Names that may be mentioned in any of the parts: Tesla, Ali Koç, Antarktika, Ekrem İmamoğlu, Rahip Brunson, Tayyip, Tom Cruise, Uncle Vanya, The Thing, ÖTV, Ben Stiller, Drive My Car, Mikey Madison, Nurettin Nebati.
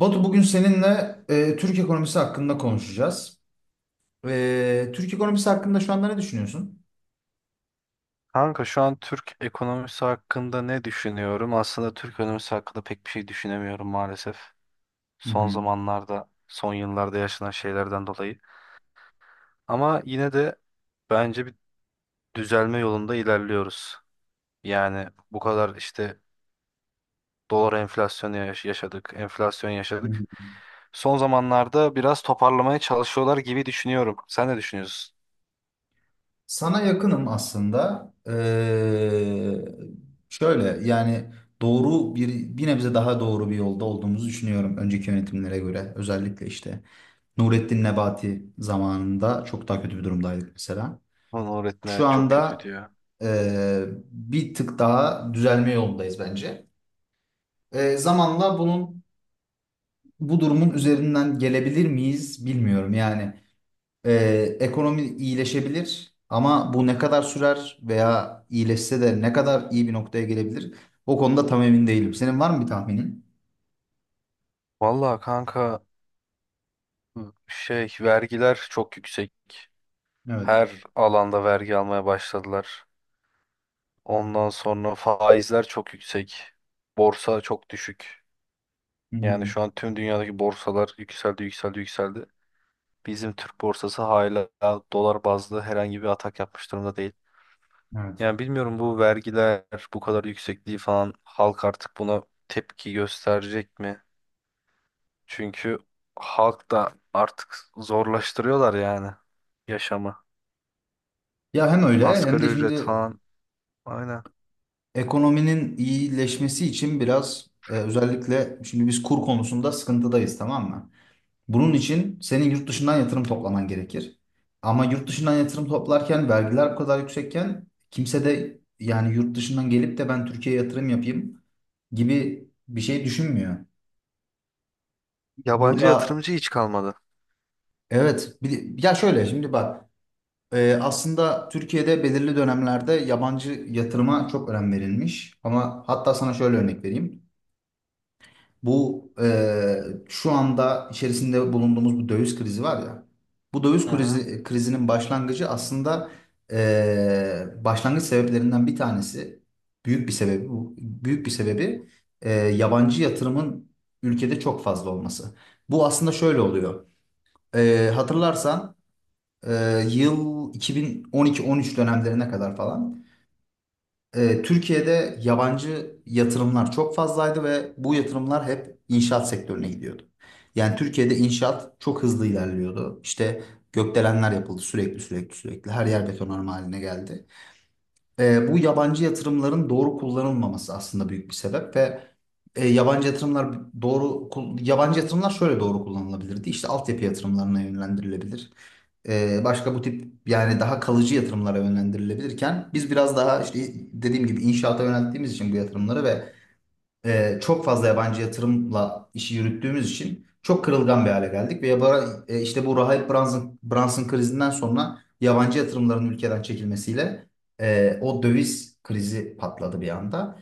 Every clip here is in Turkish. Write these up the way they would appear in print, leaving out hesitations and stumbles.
Batu, bugün seninle Türk ekonomisi hakkında konuşacağız. Türk ekonomisi hakkında şu anda ne düşünüyorsun? Kanka şu an Türk ekonomisi hakkında ne düşünüyorum? Aslında Türk ekonomisi hakkında pek bir şey düşünemiyorum maalesef. Hı Son hı, zamanlarda, son yıllarda yaşanan şeylerden dolayı. Ama yine de bence bir düzelme yolunda ilerliyoruz. Yani bu kadar işte dolar enflasyonu yaşadık, enflasyon hı yaşadık. hı. Son zamanlarda biraz toparlamaya çalışıyorlar gibi düşünüyorum. Sen ne düşünüyorsun? Sana yakınım aslında. Şöyle yani doğru bir nebze daha doğru bir yolda olduğumuzu düşünüyorum önceki yönetimlere göre. Özellikle işte Nurettin Nebati zamanında çok daha kötü bir durumdaydık mesela. Lan öğretmen, Şu evet, çok kötü anda diyor. e, bir tık daha düzelme yolundayız bence. Zamanla bu durumun üzerinden gelebilir miyiz bilmiyorum. Yani e, ekonomi iyileşebilir, ama bu ne kadar sürer veya iyileşse de ne kadar iyi bir noktaya gelebilir? O konuda tam emin değilim. Senin var mı bir tahminin? Vallahi kanka şey vergiler çok yüksek. Evet. Her alanda vergi almaya başladılar. Ondan sonra faizler çok yüksek. Borsa çok düşük. Hı Yani hı. şu an tüm dünyadaki borsalar yükseldi, yükseldi, yükseldi. Bizim Türk borsası hala dolar bazlı herhangi bir atak yapmış durumda değil. Evet. Yani bilmiyorum, bu vergiler bu kadar yüksekliği falan halk artık buna tepki gösterecek mi? Çünkü halk da artık zorlaştırıyorlar yani yaşamı. Ya, hem öyle hem Asgari de ücret şimdi falan. Aynen. ekonominin iyileşmesi için biraz özellikle şimdi biz kur konusunda sıkıntıdayız, tamam mı? Bunun için senin yurt dışından yatırım toplaman gerekir. Ama yurt dışından yatırım toplarken vergiler bu kadar yüksekken, kimse de yani yurt dışından gelip de "ben Türkiye'ye yatırım yapayım" gibi bir şey düşünmüyor. Yabancı Burada, yatırımcı hiç kalmadı. evet, ya şöyle şimdi bak, aslında Türkiye'de belirli dönemlerde yabancı yatırıma çok önem verilmiş. Ama hatta sana şöyle örnek vereyim. Bu şu anda içerisinde bulunduğumuz bu döviz krizi var ya. Bu Aha. Krizinin başlangıcı aslında başlangıç sebeplerinden bir tanesi, büyük bir sebebi bu. Büyük bir sebebi yabancı yatırımın ülkede çok fazla olması. Bu aslında şöyle oluyor. Hatırlarsan yıl 2012-13 dönemlerine kadar falan Türkiye'de yabancı yatırımlar çok fazlaydı ve bu yatırımlar hep inşaat sektörüne gidiyordu. Yani Türkiye'de inşaat çok hızlı ilerliyordu. İşte gökdelenler yapıldı sürekli sürekli sürekli. Her yer betonarme haline geldi. Bu yabancı yatırımların doğru kullanılmaması aslında büyük bir sebep. Ve yabancı yatırımlar şöyle doğru kullanılabilirdi. İşte altyapı yatırımlarına yönlendirilebilir. Başka bu tip yani daha kalıcı yatırımlara yönlendirilebilirken biz biraz daha işte, dediğim gibi inşaata yönelttiğimiz için bu yatırımları ve çok fazla yabancı yatırımla işi yürüttüğümüz için çok kırılgan bir hale geldik ve işte bu Rahip Brunson, Brunson krizinden sonra yabancı yatırımların ülkeden çekilmesiyle o döviz krizi patladı bir anda.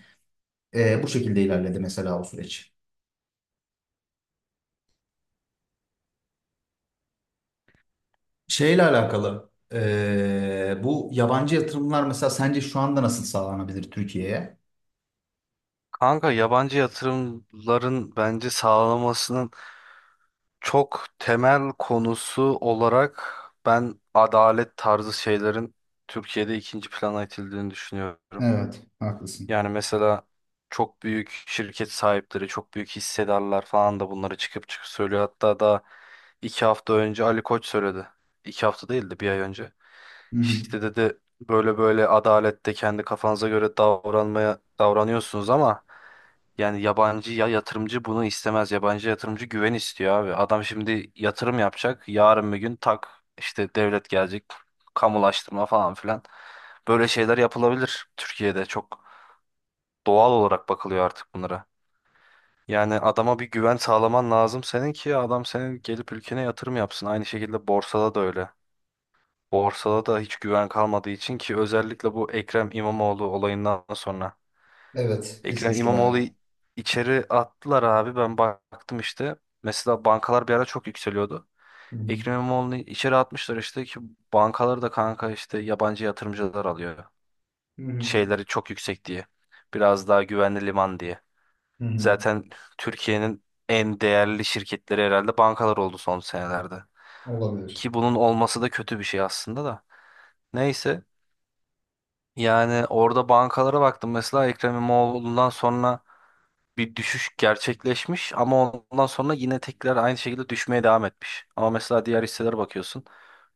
Bu şekilde ilerledi mesela o süreç. Şeyle alakalı, bu yabancı yatırımlar mesela sence şu anda nasıl sağlanabilir Türkiye'ye? Kanka yabancı yatırımların bence sağlamasının çok temel konusu olarak ben adalet tarzı şeylerin Türkiye'de ikinci plana itildiğini düşünüyorum. Evet, haklısın. Yani mesela çok büyük şirket sahipleri, çok büyük hissedarlar falan da bunları çıkıp çıkıp söylüyor. Hatta daha 2 hafta önce Ali Koç söyledi. 2 hafta değil de bir ay önce. Hı hı. İşte dedi böyle böyle adalette kendi kafanıza göre davranmaya davranıyorsunuz ama yani yabancı ya yatırımcı bunu istemez. Yabancı yatırımcı güven istiyor abi. Adam şimdi yatırım yapacak. Yarın bir gün tak işte devlet gelecek. Kamulaştırma falan filan. Böyle şeyler yapılabilir Türkiye'de, çok doğal olarak bakılıyor artık bunlara. Yani adama bir güven sağlaman lazım senin ki adam senin gelip ülkene yatırım yapsın. Aynı şekilde borsada da öyle. Borsada da hiç güven kalmadığı için, ki özellikle bu Ekrem İmamoğlu olayından sonra. Evet, Ekrem düşmüştü İmamoğlu'yu bayağı. içeri attılar abi, ben baktım işte. Mesela bankalar bir ara çok yükseliyordu. Hı hı. Ekrem İmamoğlu'nu içeri atmışlar işte ki bankaları da kanka işte yabancı yatırımcılar alıyor. Hı hı. Şeyleri çok yüksek diye. Biraz daha güvenli liman diye. Hı hı. Zaten Türkiye'nin en değerli şirketleri herhalde bankalar oldu son senelerde. Olabilir. Ki bunun olması da kötü bir şey aslında da. Neyse, yani orada bankalara baktım mesela Ekrem İmamoğlu'ndan sonra bir düşüş gerçekleşmiş ama ondan sonra yine tekrar aynı şekilde düşmeye devam etmiş. Ama mesela diğer hisselere bakıyorsun,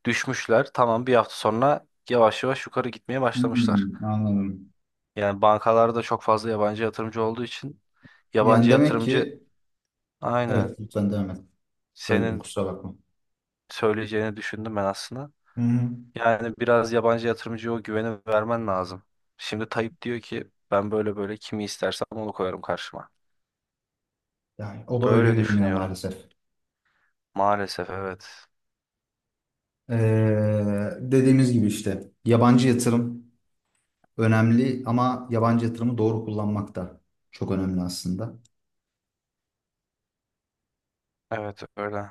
düşmüşler tamam, bir hafta sonra yavaş yavaş yukarı gitmeye başlamışlar. Hmm, anladım. Yani bankalarda çok fazla yabancı yatırımcı olduğu için Yani yabancı demek yatırımcı ki, aynen. evet, lütfen devam et. Böldüm, Senin kusura bakma. söyleyeceğini düşündüm ben aslında. Hı hı. Yani biraz yabancı yatırımcıya o güveni vermen lazım. Şimdi Tayyip diyor ki ben böyle böyle kimi istersem onu koyarım karşıma. Yani o da öyle Böyle yürümüyor düşünüyorum. maalesef. Maalesef evet. Dediğimiz gibi, işte yabancı yatırım önemli ama yabancı yatırımı doğru kullanmak da çok önemli aslında. Evet öyle.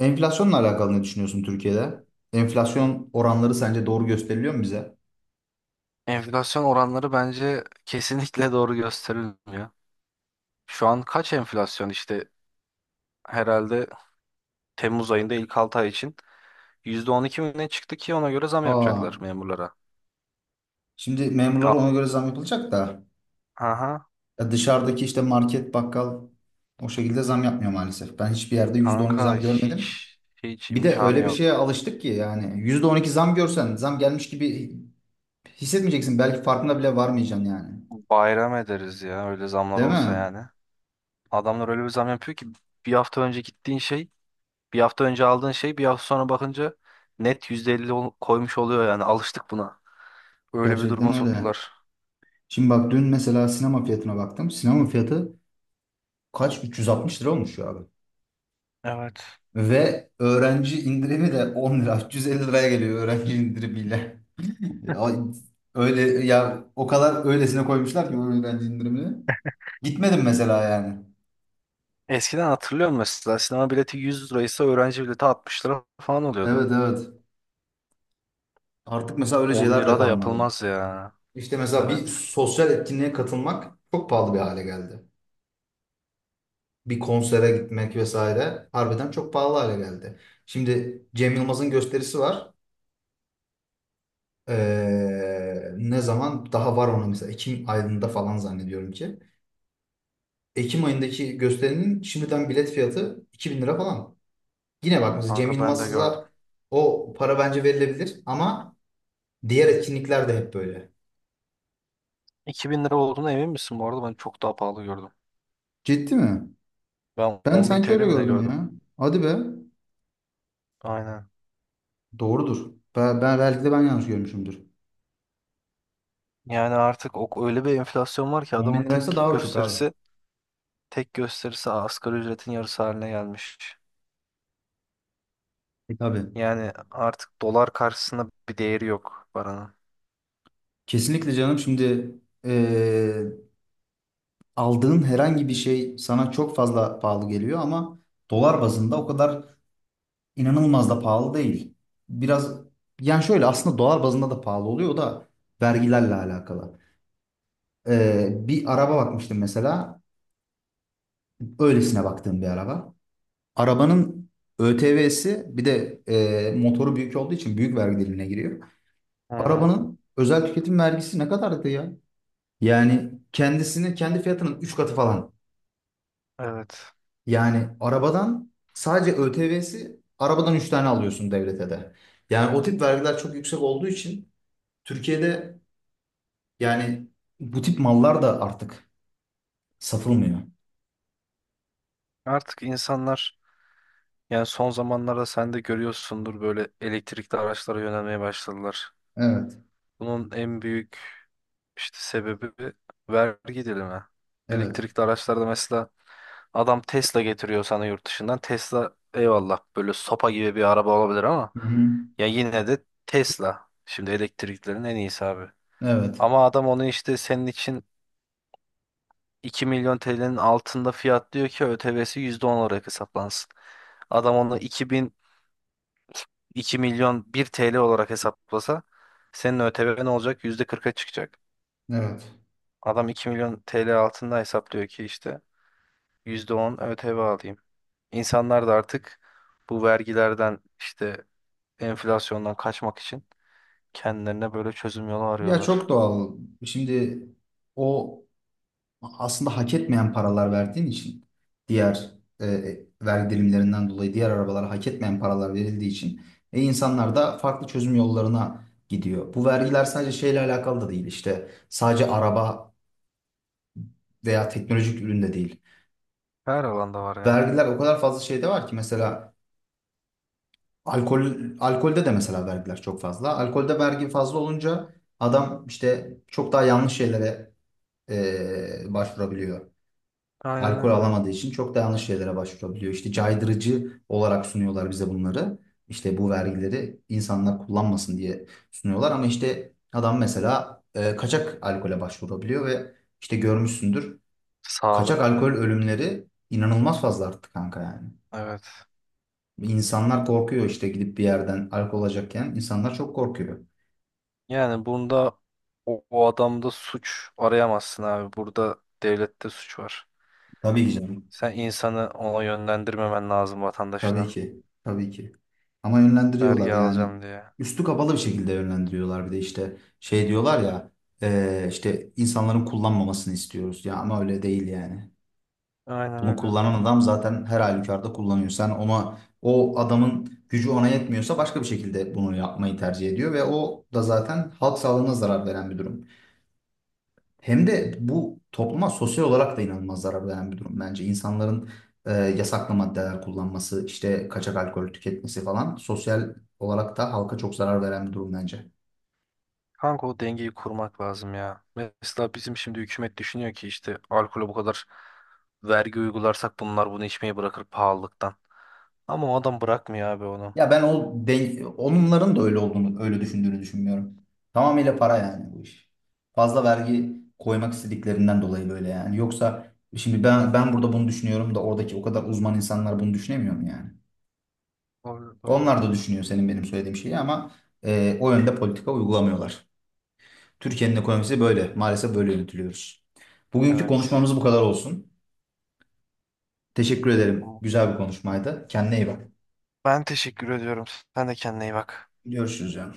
Enflasyonla alakalı ne düşünüyorsun Türkiye'de? Enflasyon oranları sence doğru gösteriliyor mu bize? Enflasyon oranları bence kesinlikle doğru gösterilmiyor. Şu an kaç enflasyon işte herhalde Temmuz ayında ilk 6 ay için %12 mi ne çıktı ki ona göre zam Aa, yapacaklar memurlara. şimdi memurlara A- ona göre zam yapılacak da, Aha ya dışarıdaki işte market, bakkal o şekilde zam yapmıyor maalesef. Ben hiçbir yerde %12 kanka zam görmedim. hiç hiç Bir de imkanı öyle bir şeye yok. alıştık ki, yani %12 zam görsen zam gelmiş gibi hissetmeyeceksin. Belki farkına bile varmayacaksın yani. Bayram ederiz ya öyle zamlar Değil olsa mi? yani. Adamlar öyle bir zam yapıyor ki bir hafta önce gittiğin şey, bir hafta önce aldığın şey bir hafta sonra bakınca net %50 koymuş oluyor yani. Alıştık buna. Öyle bir Gerçekten duruma öyle. soktular. Şimdi bak, dün mesela sinema fiyatına baktım. Sinema fiyatı kaç? 360 lira olmuş ya abi. Evet. Ve öğrenci indirimi de 10 lira. 350 liraya geliyor öğrenci indirimiyle. Ya, öyle ya, o kadar öylesine koymuşlar ki öğrenci indirimini. Gitmedim mesela yani. Eskiden hatırlıyorum mesela sinema bileti 100 liraysa öğrenci bileti 60 lira falan oluyordu. Evet, evet. Artık mesela öyle 10 şeyler de lira da kalmadı. yapılmaz ya. İşte mesela bir Evet. sosyal etkinliğe katılmak çok pahalı bir hale geldi. Bir konsere gitmek vesaire, harbiden çok pahalı hale geldi. Şimdi Cem Yılmaz'ın gösterisi var. Ne zaman daha var ona, mesela Ekim ayında falan zannediyorum ki. Ekim ayındaki gösterinin şimdiden bilet fiyatı 2.000 lira falan. Yine bak mesela Cem Kanka ben de gördüm. Yılmaz'a o para bence verilebilir ama diğer etkinlikler de hep böyle. 2000 lira olduğuna emin misin bu arada? Ben çok daha pahalı gördüm. Ciddi mi? Ben Ben 10.000 sanki öyle TL mi ne gördüm gördüm? ya. Hadi be. Aynen. Doğrudur. Belki de ben yanlış görmüşümdür. Yani artık o, öyle bir enflasyon var ki On bin adamın liraysa tek daha uçuk abi. gösterisi tek gösterisi asgari ücretin yarısı haline gelmiş. E tabii. Yani artık dolar karşısında bir değeri yok paranın. Kesinlikle canım, şimdi eee aldığın herhangi bir şey sana çok fazla pahalı geliyor, ama dolar bazında o kadar inanılmaz da pahalı değil. Biraz, yani şöyle, aslında dolar bazında da pahalı oluyor, o da vergilerle alakalı. Bir araba bakmıştım mesela, öylesine baktığım bir araba. Arabanın ÖTV'si bir de, motoru büyük olduğu için büyük vergi dilimine giriyor. Hı hı. Arabanın özel tüketim vergisi ne kadardı ya? Yani kendisini kendi fiyatının 3 katı falan. Evet. Yani arabadan sadece ÖTV'si arabadan 3 tane alıyorsun devlete de. Yani o tip vergiler çok yüksek olduğu için Türkiye'de yani bu tip mallar da artık satılmıyor. Artık insanlar yani son zamanlarda sen de görüyorsundur böyle elektrikli araçlara yönelmeye başladılar. Evet, Bunun en büyük işte sebebi vergi dilimi. evet. Elektrikli araçlarda mesela adam Tesla getiriyor sana yurt dışından. Tesla eyvallah böyle sopa gibi bir araba olabilir ama Hı hı. ya yine de Tesla. Şimdi elektriklerin en iyisi abi. Evet, Ama adam onu işte senin için 2.000.000 TL'nin altında fiyat diyor ki ÖTV'si %10 olarak hesaplansın. Adam onu 2.000.000 1 TL olarak hesaplasa senin ÖTV'n olacak %40'a çıkacak. evet. Adam 2.000.000 TL altında hesaplıyor ki işte %10 ÖTV alayım. İnsanlar da artık bu vergilerden işte enflasyondan kaçmak için kendilerine böyle çözüm yolu Ya, arıyorlar. çok doğal. Şimdi o aslında hak etmeyen paralar verdiğin için, diğer e, vergi dilimlerinden dolayı diğer arabalara hak etmeyen paralar verildiği için, insanlar da farklı çözüm yollarına gidiyor. Bu vergiler sadece şeyle alakalı da değil, işte sadece araba veya teknolojik üründe değil. Her alanda var ya. Vergiler o kadar fazla şeyde var ki, mesela alkol alkolde de mesela vergiler çok fazla. Alkolde vergi fazla olunca adam işte çok daha yanlış şeylere başvurabiliyor. Aynen Alkol öyle. alamadığı için çok da yanlış şeylere başvurabiliyor. İşte caydırıcı olarak sunuyorlar bize bunları. İşte bu vergileri insanlar kullanmasın diye sunuyorlar, ama işte adam mesela kaçak alkole başvurabiliyor ve işte, görmüşsündür. Kaçak Sağlık. alkol ölümleri inanılmaz fazla arttı kanka yani. Evet. İnsanlar korkuyor işte, gidip bir yerden alkol alacakken insanlar çok korkuyor. Yani bunda o adamda suç arayamazsın abi. Burada devlette suç var. Tabii ki canım. Sen insanı ona yönlendirmemen lazım Tabii vatandaşına. ki. Tabii ki. Ama yönlendiriyorlar Vergi yani. alacağım diye. Üstü kapalı bir şekilde yönlendiriyorlar, bir de işte şey diyorlar ya, işte "insanların kullanmamasını istiyoruz" ya, ama öyle değil yani. Aynen Bunu öyle. kullanan adam zaten her halükarda kullanıyor. Sen ona, o adamın gücü ona yetmiyorsa başka bir şekilde bunu yapmayı tercih ediyor, ve o da zaten halk sağlığına zarar veren bir durum. Hem de bu topluma sosyal olarak da inanılmaz zarar veren bir durum bence. İnsanların yasaklı maddeler kullanması, işte kaçak alkol tüketmesi falan sosyal olarak da halka çok zarar veren bir durum bence. Kanka o dengeyi kurmak lazım ya. Mesela bizim şimdi hükümet düşünüyor ki işte alkole bu kadar vergi uygularsak bunlar bunu içmeyi bırakır pahalılıktan. Ama o adam bırakmıyor abi onu. Ya ben onların da öyle olduğunu, öyle düşündüğünü düşünmüyorum. Tamamıyla para yani bu iş. Fazla vergi koymak istediklerinden dolayı böyle yani. Yoksa şimdi ben burada bunu düşünüyorum da oradaki o kadar uzman insanlar bunu düşünemiyor mu yani? Doğru, doğru. Onlar da düşünüyor senin benim söylediğim şeyi, ama o yönde politika uygulamıyorlar. Türkiye'nin ekonomisi böyle. Maalesef böyle yönetiliyoruz. Bugünkü Evet. konuşmamız bu kadar olsun. Teşekkür ederim. Tamam. Güzel bir konuşmaydı. Kendine iyi bak. Ben teşekkür ediyorum. Sen de kendine iyi bak. Görüşürüz yani.